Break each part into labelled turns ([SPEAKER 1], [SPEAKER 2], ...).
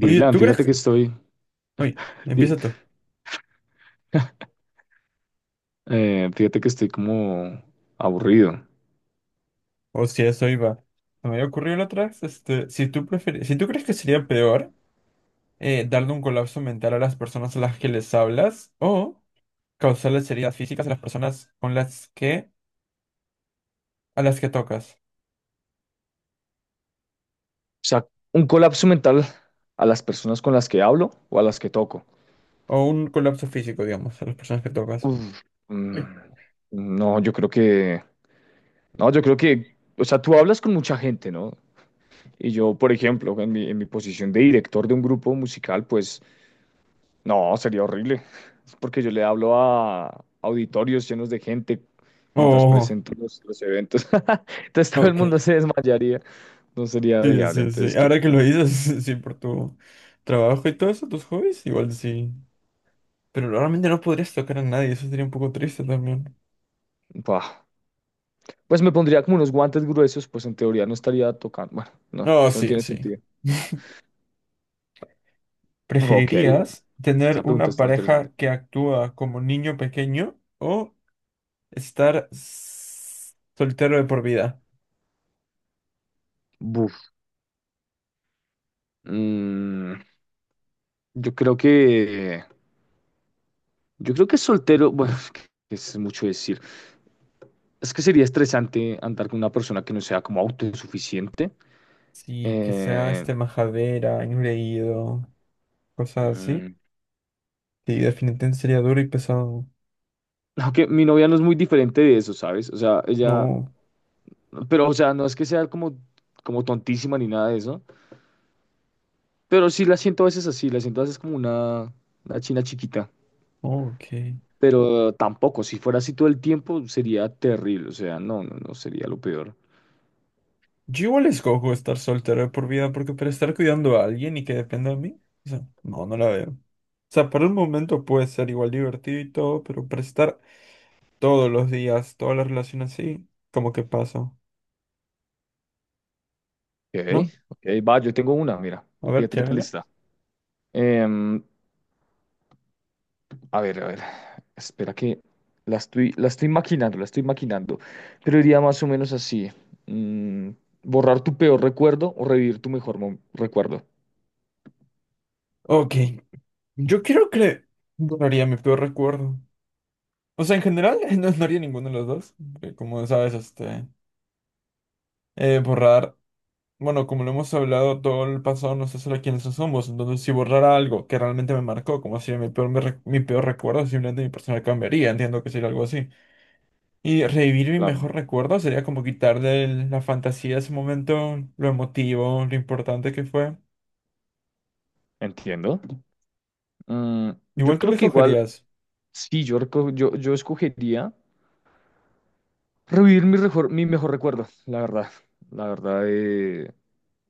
[SPEAKER 1] Oye, ¿tú crees
[SPEAKER 2] fíjate que
[SPEAKER 1] que...
[SPEAKER 2] estoy,
[SPEAKER 1] Oye,
[SPEAKER 2] di-
[SPEAKER 1] empieza tú.
[SPEAKER 2] fíjate que estoy como aburrido. O
[SPEAKER 1] O si a eso iba. Se me había ocurrido la otra vez, si tú prefieres, si tú crees que sería peor, darle un colapso mental a las personas a las que les hablas o causarles heridas físicas a las personas con las que, a las que tocas.
[SPEAKER 2] sea, un colapso mental a las personas con las que hablo o a las que toco.
[SPEAKER 1] O un colapso físico, digamos, a las personas que tocas.
[SPEAKER 2] Uf, mm, no, yo creo no, yo creo que, o sea, tú hablas con mucha gente, ¿no? Y yo, por ejemplo, en mi posición de director de un grupo musical, pues, no, sería horrible. Es porque yo le hablo a auditorios llenos de gente mientras
[SPEAKER 1] Oh,
[SPEAKER 2] presento los eventos. Entonces todo el
[SPEAKER 1] ok.
[SPEAKER 2] mundo se desmayaría. No sería
[SPEAKER 1] Sí,
[SPEAKER 2] viable.
[SPEAKER 1] sí, sí.
[SPEAKER 2] Entonces,
[SPEAKER 1] Ahora que lo dices, sí, por tu trabajo y todo eso, tus hobbies, igual sí. Pero realmente no podrías tocar a nadie, eso sería un poco triste también.
[SPEAKER 2] bah. Pues me pondría como unos guantes gruesos, pues en teoría no estaría tocando. Bueno, no,
[SPEAKER 1] No,
[SPEAKER 2] eso no
[SPEAKER 1] sí,
[SPEAKER 2] tiene
[SPEAKER 1] sí.
[SPEAKER 2] sentido. Ok,
[SPEAKER 1] ¿Preferirías tener
[SPEAKER 2] esa pregunta
[SPEAKER 1] una
[SPEAKER 2] está interesante.
[SPEAKER 1] pareja que actúa como niño pequeño o estar soltero de por vida?
[SPEAKER 2] Buf. Mm, yo creo que. Yo creo que soltero. Bueno, es que es mucho decir. Es que sería estresante andar con una persona que no sea como autosuficiente.
[SPEAKER 1] Sí, que sea
[SPEAKER 2] Eh,
[SPEAKER 1] majadera, engreído, cosas así.
[SPEAKER 2] mm,
[SPEAKER 1] Sí, definitivamente sería duro y pesado.
[SPEAKER 2] Aunque mi novia no es muy diferente de eso, ¿sabes?
[SPEAKER 1] No,
[SPEAKER 2] Pero, o sea, no es que sea como, como tontísima ni nada de eso, pero sí la siento a veces así, la siento a veces como una china chiquita,
[SPEAKER 1] ok.
[SPEAKER 2] pero tampoco, si fuera así todo el tiempo sería terrible, o sea, no sería lo peor.
[SPEAKER 1] Yo igual escojo estar soltero de por vida porque para estar cuidando a alguien y que dependa de mí, o sea, no, no la veo. O sea, por un momento puede ser igual divertido y todo, pero para estar todos los días, toda la relación así, como que pasa.
[SPEAKER 2] Ok,
[SPEAKER 1] ¿No?
[SPEAKER 2] ok, va, yo tengo una, mira,
[SPEAKER 1] A ver,
[SPEAKER 2] fíjate qué tal
[SPEAKER 1] charla.
[SPEAKER 2] está. A ver, a ver. Espera que la estoy maquinando, la estoy maquinando. Pero iría más o menos así. Mm, borrar tu peor recuerdo o revivir tu recuerdo.
[SPEAKER 1] Ok. Yo quiero que borraría mi peor recuerdo. O sea, en general, no, no haría ninguno de los dos, porque como sabes. Borrar. Bueno, como lo hemos hablado, todo el pasado nos hace lo quienes somos. Entonces, si borrara algo que realmente me marcó, como si mi peor, mi peor recuerdo, simplemente mi persona cambiaría. Entiendo que sería algo así. Y revivir mi
[SPEAKER 2] Claro.
[SPEAKER 1] mejor recuerdo sería como quitarle la fantasía de ese momento, lo emotivo, lo importante que fue.
[SPEAKER 2] Entiendo. Mm, yo
[SPEAKER 1] Igual tú
[SPEAKER 2] creo
[SPEAKER 1] qué
[SPEAKER 2] que igual,
[SPEAKER 1] escogerías.
[SPEAKER 2] sí, yo escogería revivir mi mejor recuerdo, la verdad. La verdad,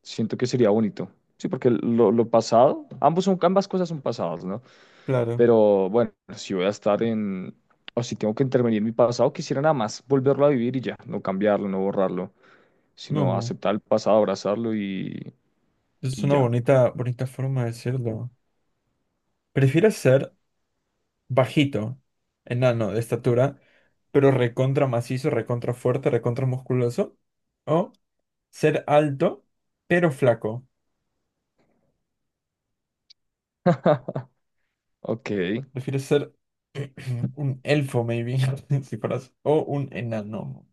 [SPEAKER 2] siento que sería bonito. Sí, porque lo pasado, ambas cosas son pasadas, ¿no?
[SPEAKER 1] Claro.
[SPEAKER 2] Pero bueno, si voy a estar en, o si tengo que intervenir en mi pasado, quisiera nada más volverlo a vivir y ya, no cambiarlo, no borrarlo, sino
[SPEAKER 1] No.
[SPEAKER 2] aceptar el pasado, abrazarlo
[SPEAKER 1] Es
[SPEAKER 2] y
[SPEAKER 1] una
[SPEAKER 2] ya.
[SPEAKER 1] bonita, bonita forma de decirlo. ¿Prefieres ser bajito, enano de estatura, pero recontra macizo, recontra fuerte, recontra musculoso? ¿O ser alto, pero flaco?
[SPEAKER 2] Ok.
[SPEAKER 1] ¿Prefieres ser un elfo, maybe? Si fueras, o un enano.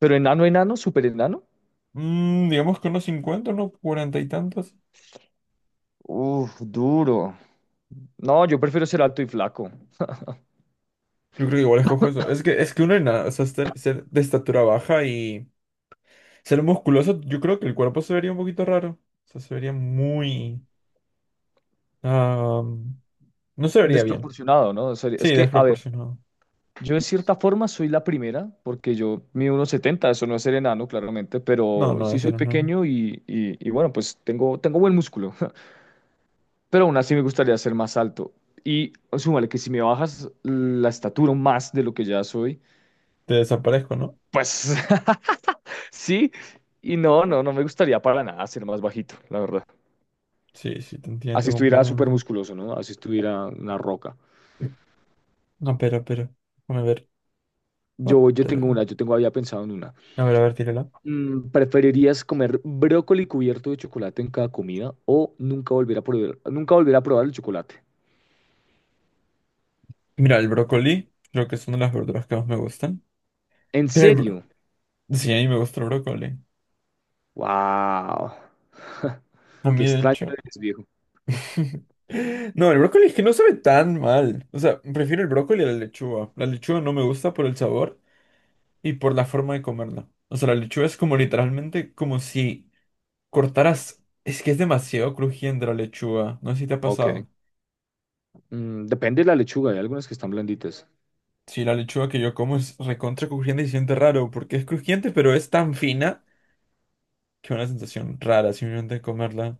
[SPEAKER 2] Pero enano, enano, súper enano.
[SPEAKER 1] Digamos que unos cincuenta, unos cuarenta y tantos.
[SPEAKER 2] Uf, duro. No, yo prefiero ser alto y flaco.
[SPEAKER 1] Yo creo que igual escojo eso. Es que uno enano, o sea, ser de estatura baja y ser musculoso, yo creo que el cuerpo se vería un poquito raro. O sea, se vería muy... Ah, no se vería bien.
[SPEAKER 2] Desproporcionado, ¿no? O sea,
[SPEAKER 1] Sí,
[SPEAKER 2] es que, a ver,
[SPEAKER 1] desproporcionado.
[SPEAKER 2] yo de cierta forma soy la primera, porque yo mido unos 70, eso no es ser enano, claramente,
[SPEAKER 1] No,
[SPEAKER 2] pero
[SPEAKER 1] no,
[SPEAKER 2] sí
[SPEAKER 1] eso
[SPEAKER 2] soy
[SPEAKER 1] no es normal.
[SPEAKER 2] pequeño y, y bueno, tengo buen músculo, pero aún así me gustaría ser más alto. Y súmale que si me bajas la estatura más de lo que ya soy,
[SPEAKER 1] Te desaparezco, ¿no?
[SPEAKER 2] pues sí, y no me gustaría para nada ser más bajito, la verdad.
[SPEAKER 1] Sí, sí, te
[SPEAKER 2] Así
[SPEAKER 1] entiendo
[SPEAKER 2] estuviera súper
[SPEAKER 1] completamente.
[SPEAKER 2] musculoso, ¿no? Así estuviera una roca.
[SPEAKER 1] No, pero. Déjame ver. Otra.
[SPEAKER 2] Yo tengo, había pensado en una.
[SPEAKER 1] A ver, tírala.
[SPEAKER 2] Mm, ¿Preferirías comer brócoli cubierto de chocolate en cada comida o nunca volver a probar el chocolate?
[SPEAKER 1] Mira, el brócoli, creo que es una de las verduras que más me gustan.
[SPEAKER 2] ¿En
[SPEAKER 1] Pero el bro-
[SPEAKER 2] serio?
[SPEAKER 1] Sí, a mí me gusta el brócoli.
[SPEAKER 2] ¡Wow!
[SPEAKER 1] A
[SPEAKER 2] Qué
[SPEAKER 1] mí, de
[SPEAKER 2] extraño
[SPEAKER 1] hecho.
[SPEAKER 2] eres, viejo.
[SPEAKER 1] No, el brócoli es que no sabe tan mal. O sea, prefiero el brócoli a la lechuga. La lechuga no me gusta por el sabor y por la forma de comerla. O sea, la lechuga es como literalmente como si cortarás. Es que es demasiado crujiente la lechuga. No sé si te ha
[SPEAKER 2] Ok.
[SPEAKER 1] pasado.
[SPEAKER 2] Mm, depende de la lechuga, hay algunas que están blanditas.
[SPEAKER 1] Sí, la lechuga que yo como es recontra crujiente y se siente raro, porque es crujiente, pero es tan fina que una sensación rara simplemente comerla.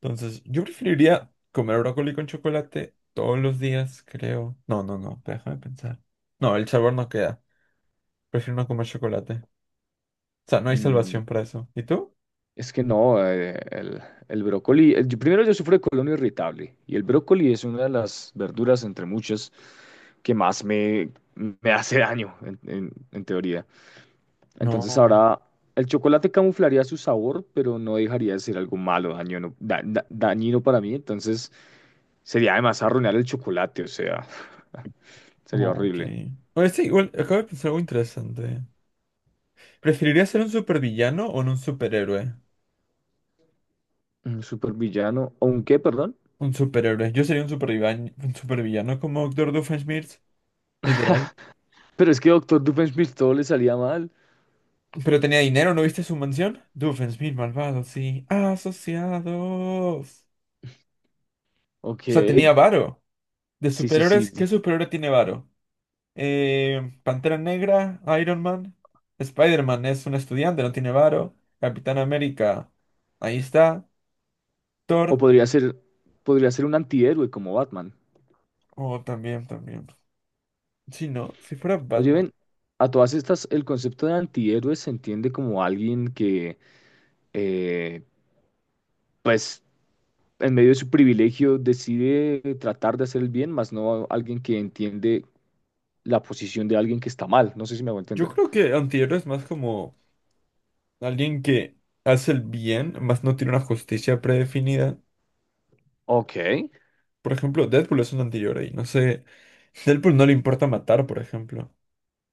[SPEAKER 1] Entonces, yo preferiría comer brócoli con chocolate todos los días, creo. No, no, no, déjame pensar. No, el sabor no queda. Prefiero no comer chocolate. O sea, no hay
[SPEAKER 2] Mm,
[SPEAKER 1] salvación para eso. ¿Y tú?
[SPEAKER 2] Es que no, el brócoli, primero yo sufro de colon irritable y el brócoli es una de las verduras entre muchas que más me hace daño en teoría. Entonces
[SPEAKER 1] No.
[SPEAKER 2] ahora el chocolate camuflaría su sabor, pero no dejaría de ser algo malo, dañino para mí, entonces sería además arruinar el chocolate, o sea, sería
[SPEAKER 1] Ok.
[SPEAKER 2] horrible.
[SPEAKER 1] Oye, sí, igual, acabo de pensar algo interesante. ¿Preferirías ser un supervillano o no un superhéroe?
[SPEAKER 2] Un supervillano, ¿o un qué, perdón?
[SPEAKER 1] Un superhéroe. Yo sería un supervillano como Doctor Doofenshmirtz, literal.
[SPEAKER 2] Pero es que Doctor Doofenshmirtz todo le salía mal,
[SPEAKER 1] Pero tenía dinero, ¿no viste su mansión? Doofenshmirtz, malvado, sí. Asociados.
[SPEAKER 2] ok.
[SPEAKER 1] O sea, tenía varo. De
[SPEAKER 2] Sí, sí, sí.
[SPEAKER 1] superhéroes, ¿qué superhéroe tiene varo? Pantera Negra, Iron Man. Spider-Man es un estudiante, no tiene varo. Capitán América, ahí está.
[SPEAKER 2] O
[SPEAKER 1] Thor,
[SPEAKER 2] podría ser, podría ser un antihéroe como Batman.
[SPEAKER 1] oh, también, también. Sí, no, si fuera
[SPEAKER 2] Oye,
[SPEAKER 1] Batman.
[SPEAKER 2] ven, a todas estas, el concepto de antihéroe se entiende como alguien que, eh, pues, en medio de su privilegio decide tratar de hacer el bien, más no alguien que entiende la posición de alguien que está mal. No sé si me voy a
[SPEAKER 1] Yo
[SPEAKER 2] entender.
[SPEAKER 1] creo que antihéroe es más como... Alguien que hace el bien, más no tiene una justicia predefinida.
[SPEAKER 2] Ok,
[SPEAKER 1] Por ejemplo, Deadpool es un anterior ahí. No sé. Deadpool no le importa matar, por ejemplo.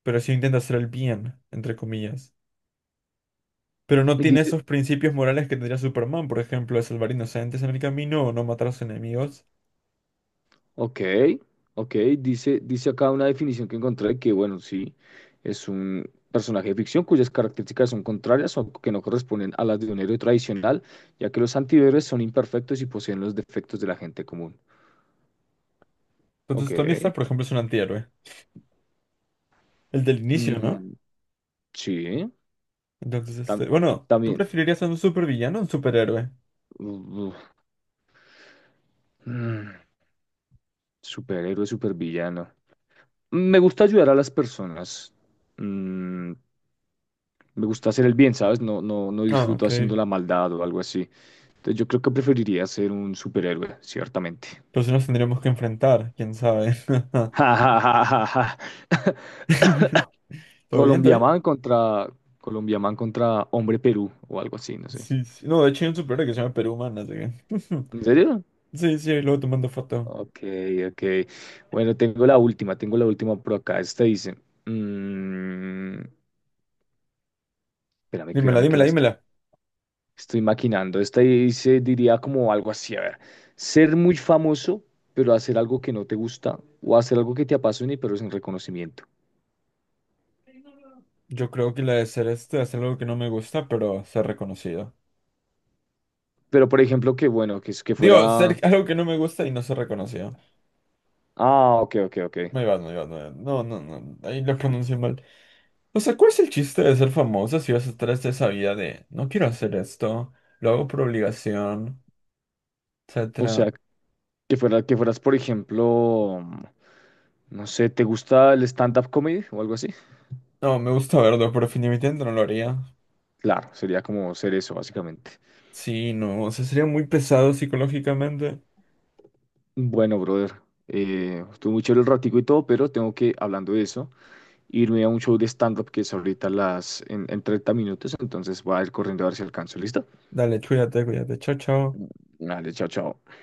[SPEAKER 1] Pero sí intenta hacer el bien, entre comillas. Pero no tiene esos principios morales que tendría Superman, por ejemplo, de salvar inocentes en el camino o no matar a sus enemigos.
[SPEAKER 2] ok, ok, dice acá una definición que encontré que, bueno, sí, es un personaje de ficción cuyas características son contrarias o que no corresponden a las de un héroe tradicional, ya que los antihéroes son imperfectos y poseen los defectos de la gente común. Ok,
[SPEAKER 1] Entonces, Tony Stark, por ejemplo, es un antihéroe. El del inicio, ¿no?
[SPEAKER 2] mm, sí,
[SPEAKER 1] Entonces,
[SPEAKER 2] tam-
[SPEAKER 1] este. Bueno, ¿tú
[SPEAKER 2] también,
[SPEAKER 1] preferirías a un supervillano o un superhéroe?
[SPEAKER 2] uf, mm, superhéroe, supervillano. Me gusta ayudar a las personas. Mm, me gusta hacer el bien, ¿sabes? No
[SPEAKER 1] Ah,
[SPEAKER 2] disfruto
[SPEAKER 1] ok.
[SPEAKER 2] haciendo la maldad o algo así. Entonces yo creo que preferiría ser un superhéroe, ciertamente.
[SPEAKER 1] Entonces nos tendríamos que enfrentar, quién sabe.
[SPEAKER 2] Ja, ja, ja, ja, ja.
[SPEAKER 1] ¿Todo bien, todo bien?
[SPEAKER 2] Colombiaman contra Colombiaman contra Hombre Perú o algo así, no sé.
[SPEAKER 1] Sí, sí. No, de hecho hay un superhéroe que se llama Perú Humana, así que-
[SPEAKER 2] ¿En serio?
[SPEAKER 1] Sí, sí, ahí luego te mando foto.
[SPEAKER 2] Ok, ok. Bueno, tengo la última por acá. Esta dice, mm, espérame,
[SPEAKER 1] Dímela,
[SPEAKER 2] espérame que
[SPEAKER 1] dímela,
[SPEAKER 2] la
[SPEAKER 1] dímela.
[SPEAKER 2] estoy maquinando. Esta ahí se diría como algo así, a ver, ser muy famoso, pero hacer algo que no te gusta o hacer algo que te apasione, pero sin reconocimiento.
[SPEAKER 1] Yo creo que la de ser este hacer algo que no me gusta, pero ser reconocido.
[SPEAKER 2] Pero, por ejemplo, que bueno, que, es- que
[SPEAKER 1] Digo, ser
[SPEAKER 2] fuera...
[SPEAKER 1] algo que no me gusta y no ser reconocido.
[SPEAKER 2] Ah, ok, ok, ok.
[SPEAKER 1] Me va, me va, me va. No, no, no. Ahí lo pronuncié mal. O sea, ¿cuál es el chiste de ser famoso si vas a estar hasta esa vida de no quiero hacer esto, lo hago por obligación,
[SPEAKER 2] O
[SPEAKER 1] etcétera?
[SPEAKER 2] sea, que fueras, por ejemplo, no sé, ¿te gusta el stand-up comedy o algo así?
[SPEAKER 1] No, me gusta verlo, pero definitivamente no lo haría.
[SPEAKER 2] Claro, sería como ser eso, básicamente.
[SPEAKER 1] Sí, no. O sea, sería muy pesado psicológicamente.
[SPEAKER 2] Bueno, brother, estuvo muy chévere el ratico y todo, pero tengo que, hablando de eso, irme a un show de stand-up que es ahorita en 30 minutos, entonces voy a ir corriendo a ver si alcanzo. ¿Listo?
[SPEAKER 1] Dale, cuídate, cuídate. Chao, chao.
[SPEAKER 2] Vale, chao, chao.